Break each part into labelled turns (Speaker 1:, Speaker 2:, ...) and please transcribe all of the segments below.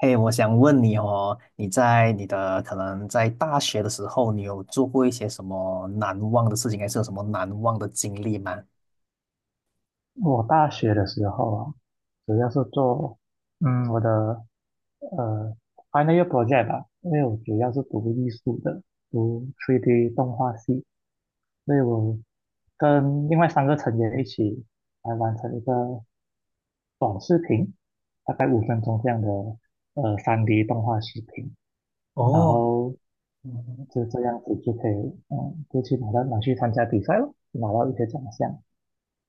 Speaker 1: 嘿，我想问你哦，你的可能在大学的时候，你有做过一些什么难忘的事情，还是有什么难忘的经历吗？
Speaker 2: 我大学的时候啊，主要是做我的呃 final year project 吧，因为我主要是读艺术的，读 3D 动画系，所以我跟另外三个成员一起来完成一个短视频，大概五分钟这样的3D 动画视频，然
Speaker 1: 哦。
Speaker 2: 后
Speaker 1: 嗯。
Speaker 2: 就这样子就可以就去拿去参加比赛了，拿到一些奖项，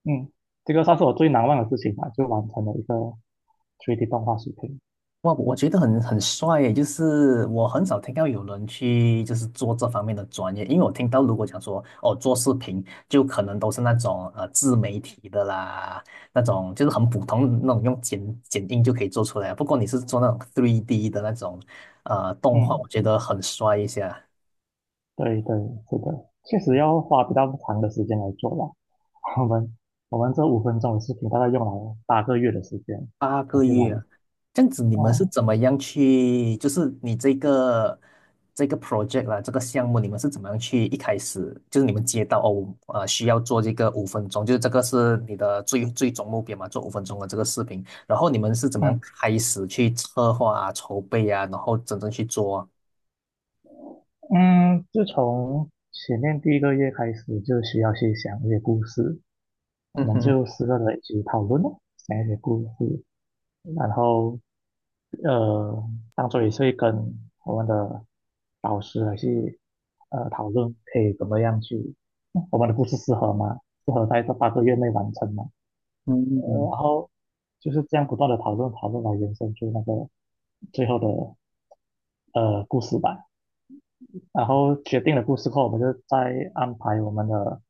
Speaker 2: 嗯，这个算是我最难忘的事情吧，就完成了一个 3D 动画视频。
Speaker 1: 哇，我觉得很帅耶，就是我很少听到有人去就是做这方面的专业，因为我听到如果讲说哦做视频，就可能都是那种自媒体的啦，那种就是很普通的那种用剪映就可以做出来啊。不过你是做那种 3D 的那种动画，我
Speaker 2: 嗯，
Speaker 1: 觉得很帅一些。
Speaker 2: 对对，是的，确实要花比较长的时间来做吧。我们我们这五分钟的视频大概用了八个月的时间
Speaker 1: 八
Speaker 2: 来
Speaker 1: 个
Speaker 2: 去玩。
Speaker 1: 月啊，这样子你们是
Speaker 2: 哦，
Speaker 1: 怎么样去？就是你这个 project 啦，这个项目，你们是怎么样去？一开始就是你们接到哦，需要做这个五分钟，就是这个是你的最终目标嘛，做五分钟的这个视频。然后你们是怎么
Speaker 2: 嗯
Speaker 1: 样开始去策划啊、筹备啊，然后真正去做啊？
Speaker 2: 嗯，自从前面第一个月开始，就需要去想一些故事，我
Speaker 1: 嗯
Speaker 2: 们
Speaker 1: 哼。
Speaker 2: 就四个人一起讨论咯，想一些故事，然后呃，当做也是会跟我们的导师来去讨论，可以怎么样去我们的故事适合吗？适合在这八个月内完成吗？
Speaker 1: 嗯，
Speaker 2: 然后就是这样不断的讨论讨论来延伸出那个最后的故事吧。然后决定了故事后，我们就再安排我们的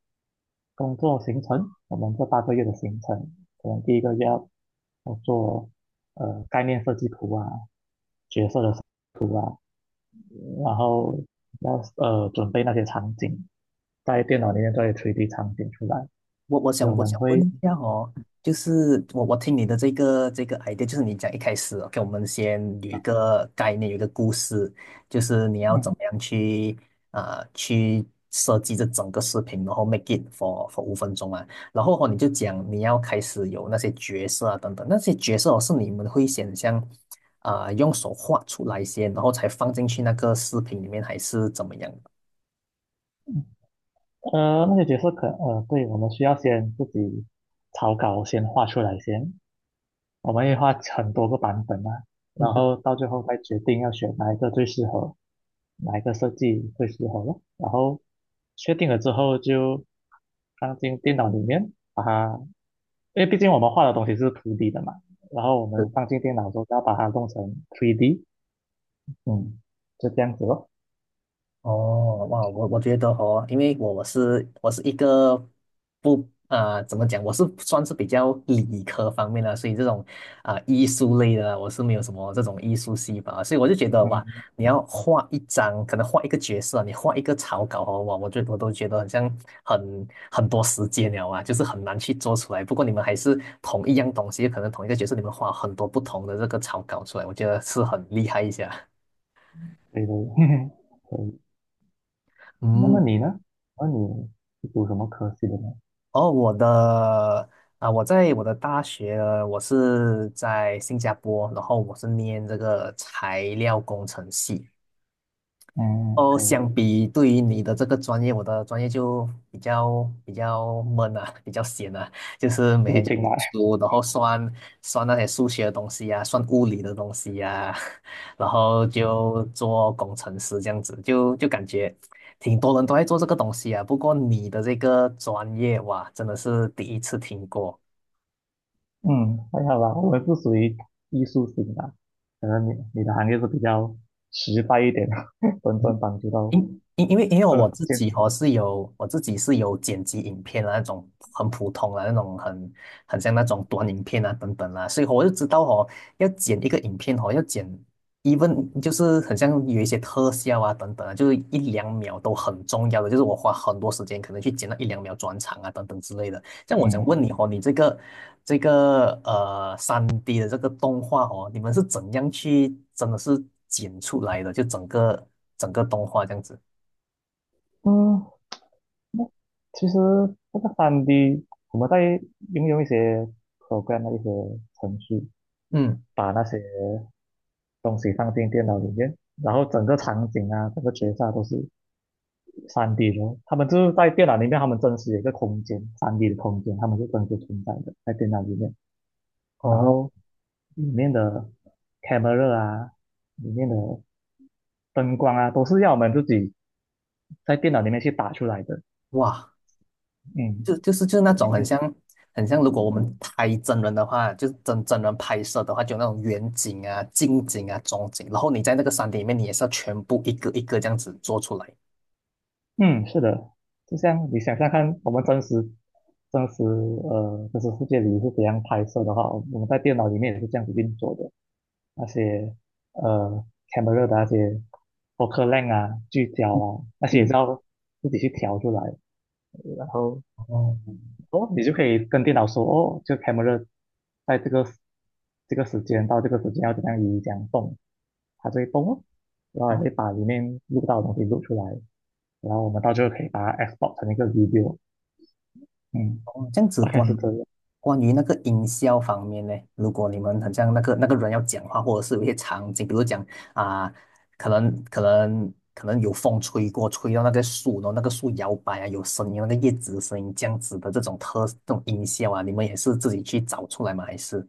Speaker 2: 工作行程，我们这八个月的行程，可能第一个月要做概念设计图啊，角色的图啊，然后要准备那些场景，在电脑里面做一些 3D 场景出来。
Speaker 1: 我我
Speaker 2: 所以
Speaker 1: 想
Speaker 2: 我
Speaker 1: 我
Speaker 2: 们
Speaker 1: 想问
Speaker 2: 会
Speaker 1: 一下哦，就是我听你的这个 idea，就是你讲一开始哦给我们先有一个概念，有一个故事，就是你要
Speaker 2: 嗯
Speaker 1: 怎么样去啊去设计这整个视频，然后 make it for 5分钟啊，然后哦你就讲你要开始有那些角色啊等等，那些角色哦是你们会想象啊、用手画出来先，然后才放进去那个视频里面，还是怎么样的？
Speaker 2: 那些角色对，我们需要先自己草稿先画出来先，我们也画很多个版本啊，
Speaker 1: 嗯
Speaker 2: 然
Speaker 1: 哼。
Speaker 2: 后到最后再决定要选哪一个最适合，哪一个设计最适合咯。然后确定了之后就放进电脑里面，把它，因为毕竟我们画的东西是图 d 的嘛，然后我们放进电脑之后要把它弄成 3D，嗯，就这样子咯。
Speaker 1: 哦，哇，我觉得哦，因为我是一个不啊、怎么讲，我是算是比较理科方面的，所以这种啊、艺术类的啊我是没有什么这种艺术细胞啊，所以我就觉得哇，
Speaker 2: 嗯，
Speaker 1: 你要画一张，可能画一个角色啊，你画一个草稿哦，哇，我都觉得很像很多时间了啊，就是很难去做出来。不过你们还是同一样东西，可能同一个角色，你们画很多不同的这个草稿出来，我觉得是很厉害一下。
Speaker 2: 对对，可以。那么
Speaker 1: 嗯。
Speaker 2: 你呢？那你是读什么科系的呢？
Speaker 1: 哦，我在我的大学，我是在新加坡，然后我是念这个材料工程系。
Speaker 2: 嗯，
Speaker 1: 哦，
Speaker 2: 可以，
Speaker 1: 相比对于你的这个专业，我的专业就比较闷啊，比较闲啊，就是每
Speaker 2: 不
Speaker 1: 天
Speaker 2: 一
Speaker 1: 就读
Speaker 2: 定啦。
Speaker 1: 书，然后算那些数学的东西呀、算物理的东西呀、然后就做工程师这样子，就感觉挺多人都在做这个东西啊。不过你的这个专业，哇，真的是第一次听过。
Speaker 2: 嗯，还好吧，我们是属于艺术型的，可能你的行业是比较实在一点的，真正帮助到
Speaker 1: 因因为
Speaker 2: 建筑。
Speaker 1: 我自己是有剪辑影片啊那种很普通的那种很像那种短影片啊等等啦、所以我就知道哦要剪一个影片哦even 就是很像有一些特效啊等等啊，就是一两秒都很重要的，就是我花很多时间可能去剪那一两秒转场啊等等之类的。像我想
Speaker 2: 嗯
Speaker 1: 问你哦，你这个3D 的这个动画哦，你们是怎样去真的是剪出来的？就整个动画这样子。
Speaker 2: 嗯，那其实这个三 d 我们在应用一些 program 的一些程序，
Speaker 1: 嗯。
Speaker 2: 把那些东西放进电脑里面，然后整个场景啊，整个角色都是三 d 的。他们就是在电脑里面，他们真实有一个空间三 d 的空间，他们是真实存在的，在电脑里面。然
Speaker 1: 哦。
Speaker 2: 后里面的 camera 啊，里面的灯光啊，都是要我们自己在电脑里面去打出来的。
Speaker 1: 哇，
Speaker 2: 嗯，
Speaker 1: 就是那种很
Speaker 2: 对
Speaker 1: 像很像，如果我们拍真人的话，就是真人拍摄的话，就那种远景啊、近景啊、中景，然后你在那个 3D 里面，你也是要全部一个一个这样子做出来。
Speaker 2: 嗯，是的，就像你想象看，我们真实真实世界里是怎样拍摄的话，我们在电脑里面也是这样子运作的。那些camera 的那些 focal l e n g 啊、聚焦
Speaker 1: 嗯。
Speaker 2: 啊，那些也是
Speaker 1: 嗯。
Speaker 2: 要自己去调出来。然后
Speaker 1: 哦
Speaker 2: 哦，你就可以跟电脑说哦，这个 camera 在这个时间到这个时间要怎样移，怎样动。它就会动哦，然后也
Speaker 1: 哦。
Speaker 2: 会把里面录到的东西录出来，然后我们到最后可以把它 export 成一个 video，嗯，
Speaker 1: 哦，这样子
Speaker 2: 大概
Speaker 1: 关
Speaker 2: 是
Speaker 1: 于
Speaker 2: 这样。
Speaker 1: 关于那个音效方面呢，如果你们很像那个人要讲话，或者是有一些场景，比如讲啊、可能有风吹过，吹到那个树，然后那个树摇摆啊，有声音，那个叶子的声音，这样子的这种这种音效啊，你们也是自己去找出来吗？还是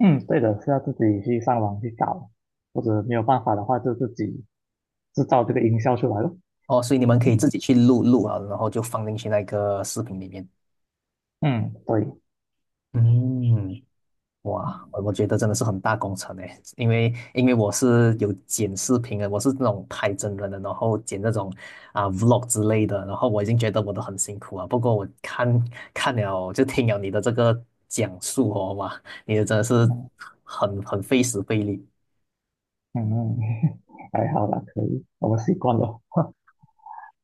Speaker 2: 嗯，对的，是要自己去上网去找，或者没有办法的话就自己制造这个音效出来咯。
Speaker 1: 哦，所以你们可以自
Speaker 2: 嗯
Speaker 1: 己去录录啊，然后就放进去那个视频里面。
Speaker 2: 嗯，对，
Speaker 1: 嗯。哇，我觉得真的是很大工程诶，因为我是有剪视频的，我是那种拍真人的，然后剪那种啊、vlog 之类的，然后我已经觉得我都很辛苦啊。不过我看了就听了你的这个讲述哦，哇，你的真的是
Speaker 2: 嗯
Speaker 1: 很费时费力。
Speaker 2: 嗯嗯，还好啦，可以，我们习惯了。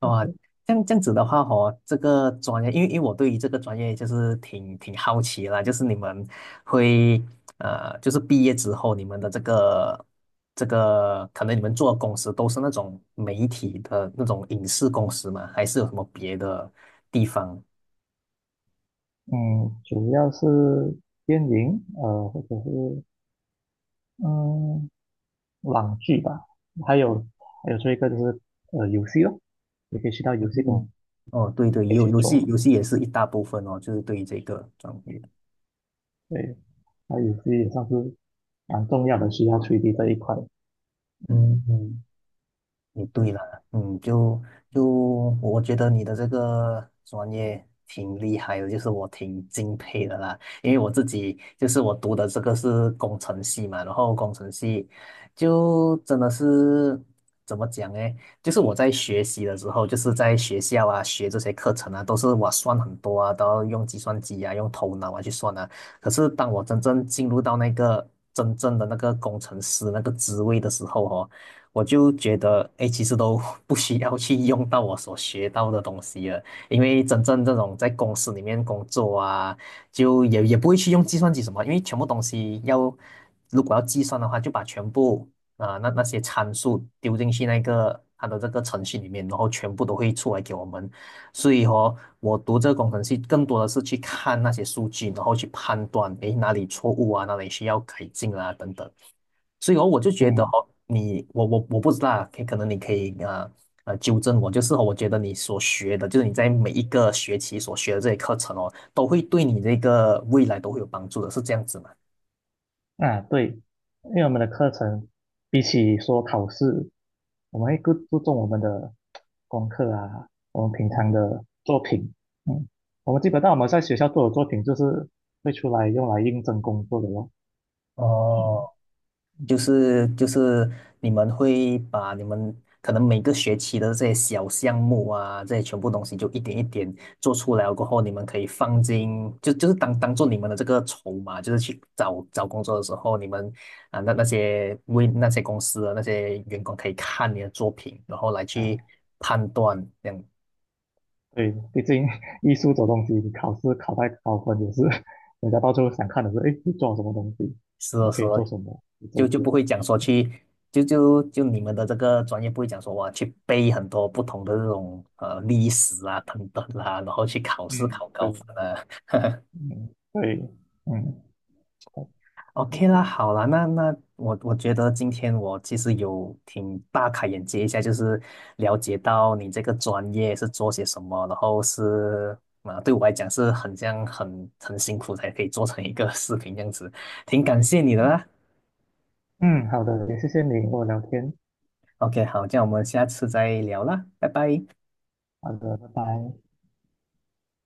Speaker 1: 哦，这样子的话哦，这个专业，因为我对于这个专业就是挺好奇啦，就是你们会就是毕业之后，你们的这个，可能你们做的公司都是那种媒体的那种影视公司嘛，还是有什么别的地方？
Speaker 2: 嗯，主要是电影，或者是嗯网剧吧，还有这一个就是游戏咯，你可以去到游戏馆。
Speaker 1: 嗯。哦，对对，
Speaker 2: 可以
Speaker 1: 有
Speaker 2: 去
Speaker 1: 游戏
Speaker 2: 做。
Speaker 1: 游戏也是一大部分哦，就是对于这个专业。
Speaker 2: 对，它也是也算是蛮重要的，需要推理这一块。
Speaker 1: 嗯嗯。你
Speaker 2: 对，
Speaker 1: 对了，嗯，就我觉得你的这个专业挺厉害的，就是我挺敬佩的啦。因为我自己就是我读的这个是工程系嘛，然后工程系就真的是怎么讲呢？就是我在学习的时候，就是在学校啊学这些课程啊，都是我算很多啊，都要用计算机啊，用头脑啊去算啊。可是当我真正进入到那个真正的那个工程师那个职位的时候哦。我就觉得，哎，其实都 不需要去用到我所学到的东西了，因为真正这种在公司里面工作啊，就也不会去用计算机什么，因为全部东西要如果要计算的话，就把全部啊、那些参数丢进去那个它的这个程序里面，然后全部都会出来给我们。所以说，我读这个工程系更多的是去看那些数据，然后去判断，诶，哪里错误啊，哪里需要改进啊，等等。所以哦，我就觉得
Speaker 2: 嗯，
Speaker 1: 哦，你我我我不知道啊，可能你可以纠正我，就是哦我觉得你所学的，就是你在每一个学期所学的这些课程哦，都会对你这个未来都会有帮助的，是这样子吗？
Speaker 2: 啊，对，因为我们的课程比起说考试，我们会更注重我们的功课啊，我们平
Speaker 1: 嗯。
Speaker 2: 常的作品。嗯，我们基本上在学校做的作品，就是会出来用来应征工作的咯。
Speaker 1: 哦。
Speaker 2: 嗯。
Speaker 1: 就是你们会把你们可能每个学期的这些小项目啊，这些全部东西就一点一点做出来了过后，你们可以放进当做你们的这个筹码，就是去找工作的时候，你们啊那那些为那些公司的那些员工可以看你的作品，然后来去
Speaker 2: 啊，
Speaker 1: 判断，这样
Speaker 2: 对，毕竟 艺术这种东西，你考试考太高分也是 人家到最后想看的是，哎，你做了什么东西，
Speaker 1: 是的，
Speaker 2: 你
Speaker 1: 是
Speaker 2: 可以做
Speaker 1: 的，
Speaker 2: 什么，你
Speaker 1: 就
Speaker 2: 做。
Speaker 1: 就不会讲说去，就你们的这个专业不会讲说哇去背很多不同的这种历史啊等等啦，然后去考试
Speaker 2: 嗯，
Speaker 1: 考
Speaker 2: 对，
Speaker 1: 高分啊。
Speaker 2: 嗯，对，嗯，好的
Speaker 1: OK 啦，好啦，那我觉得今天我其实有挺大开眼界一下，就是了解到你这个专业是做些什么，然后是啊，对我来讲是很像很辛苦才可以做成一个 视频这样子，挺感谢你的啦。
Speaker 2: 嗯，好的，也谢谢你跟我聊天，
Speaker 1: OK，好，这样我们下次再聊啦，拜拜。
Speaker 2: 好的，拜拜。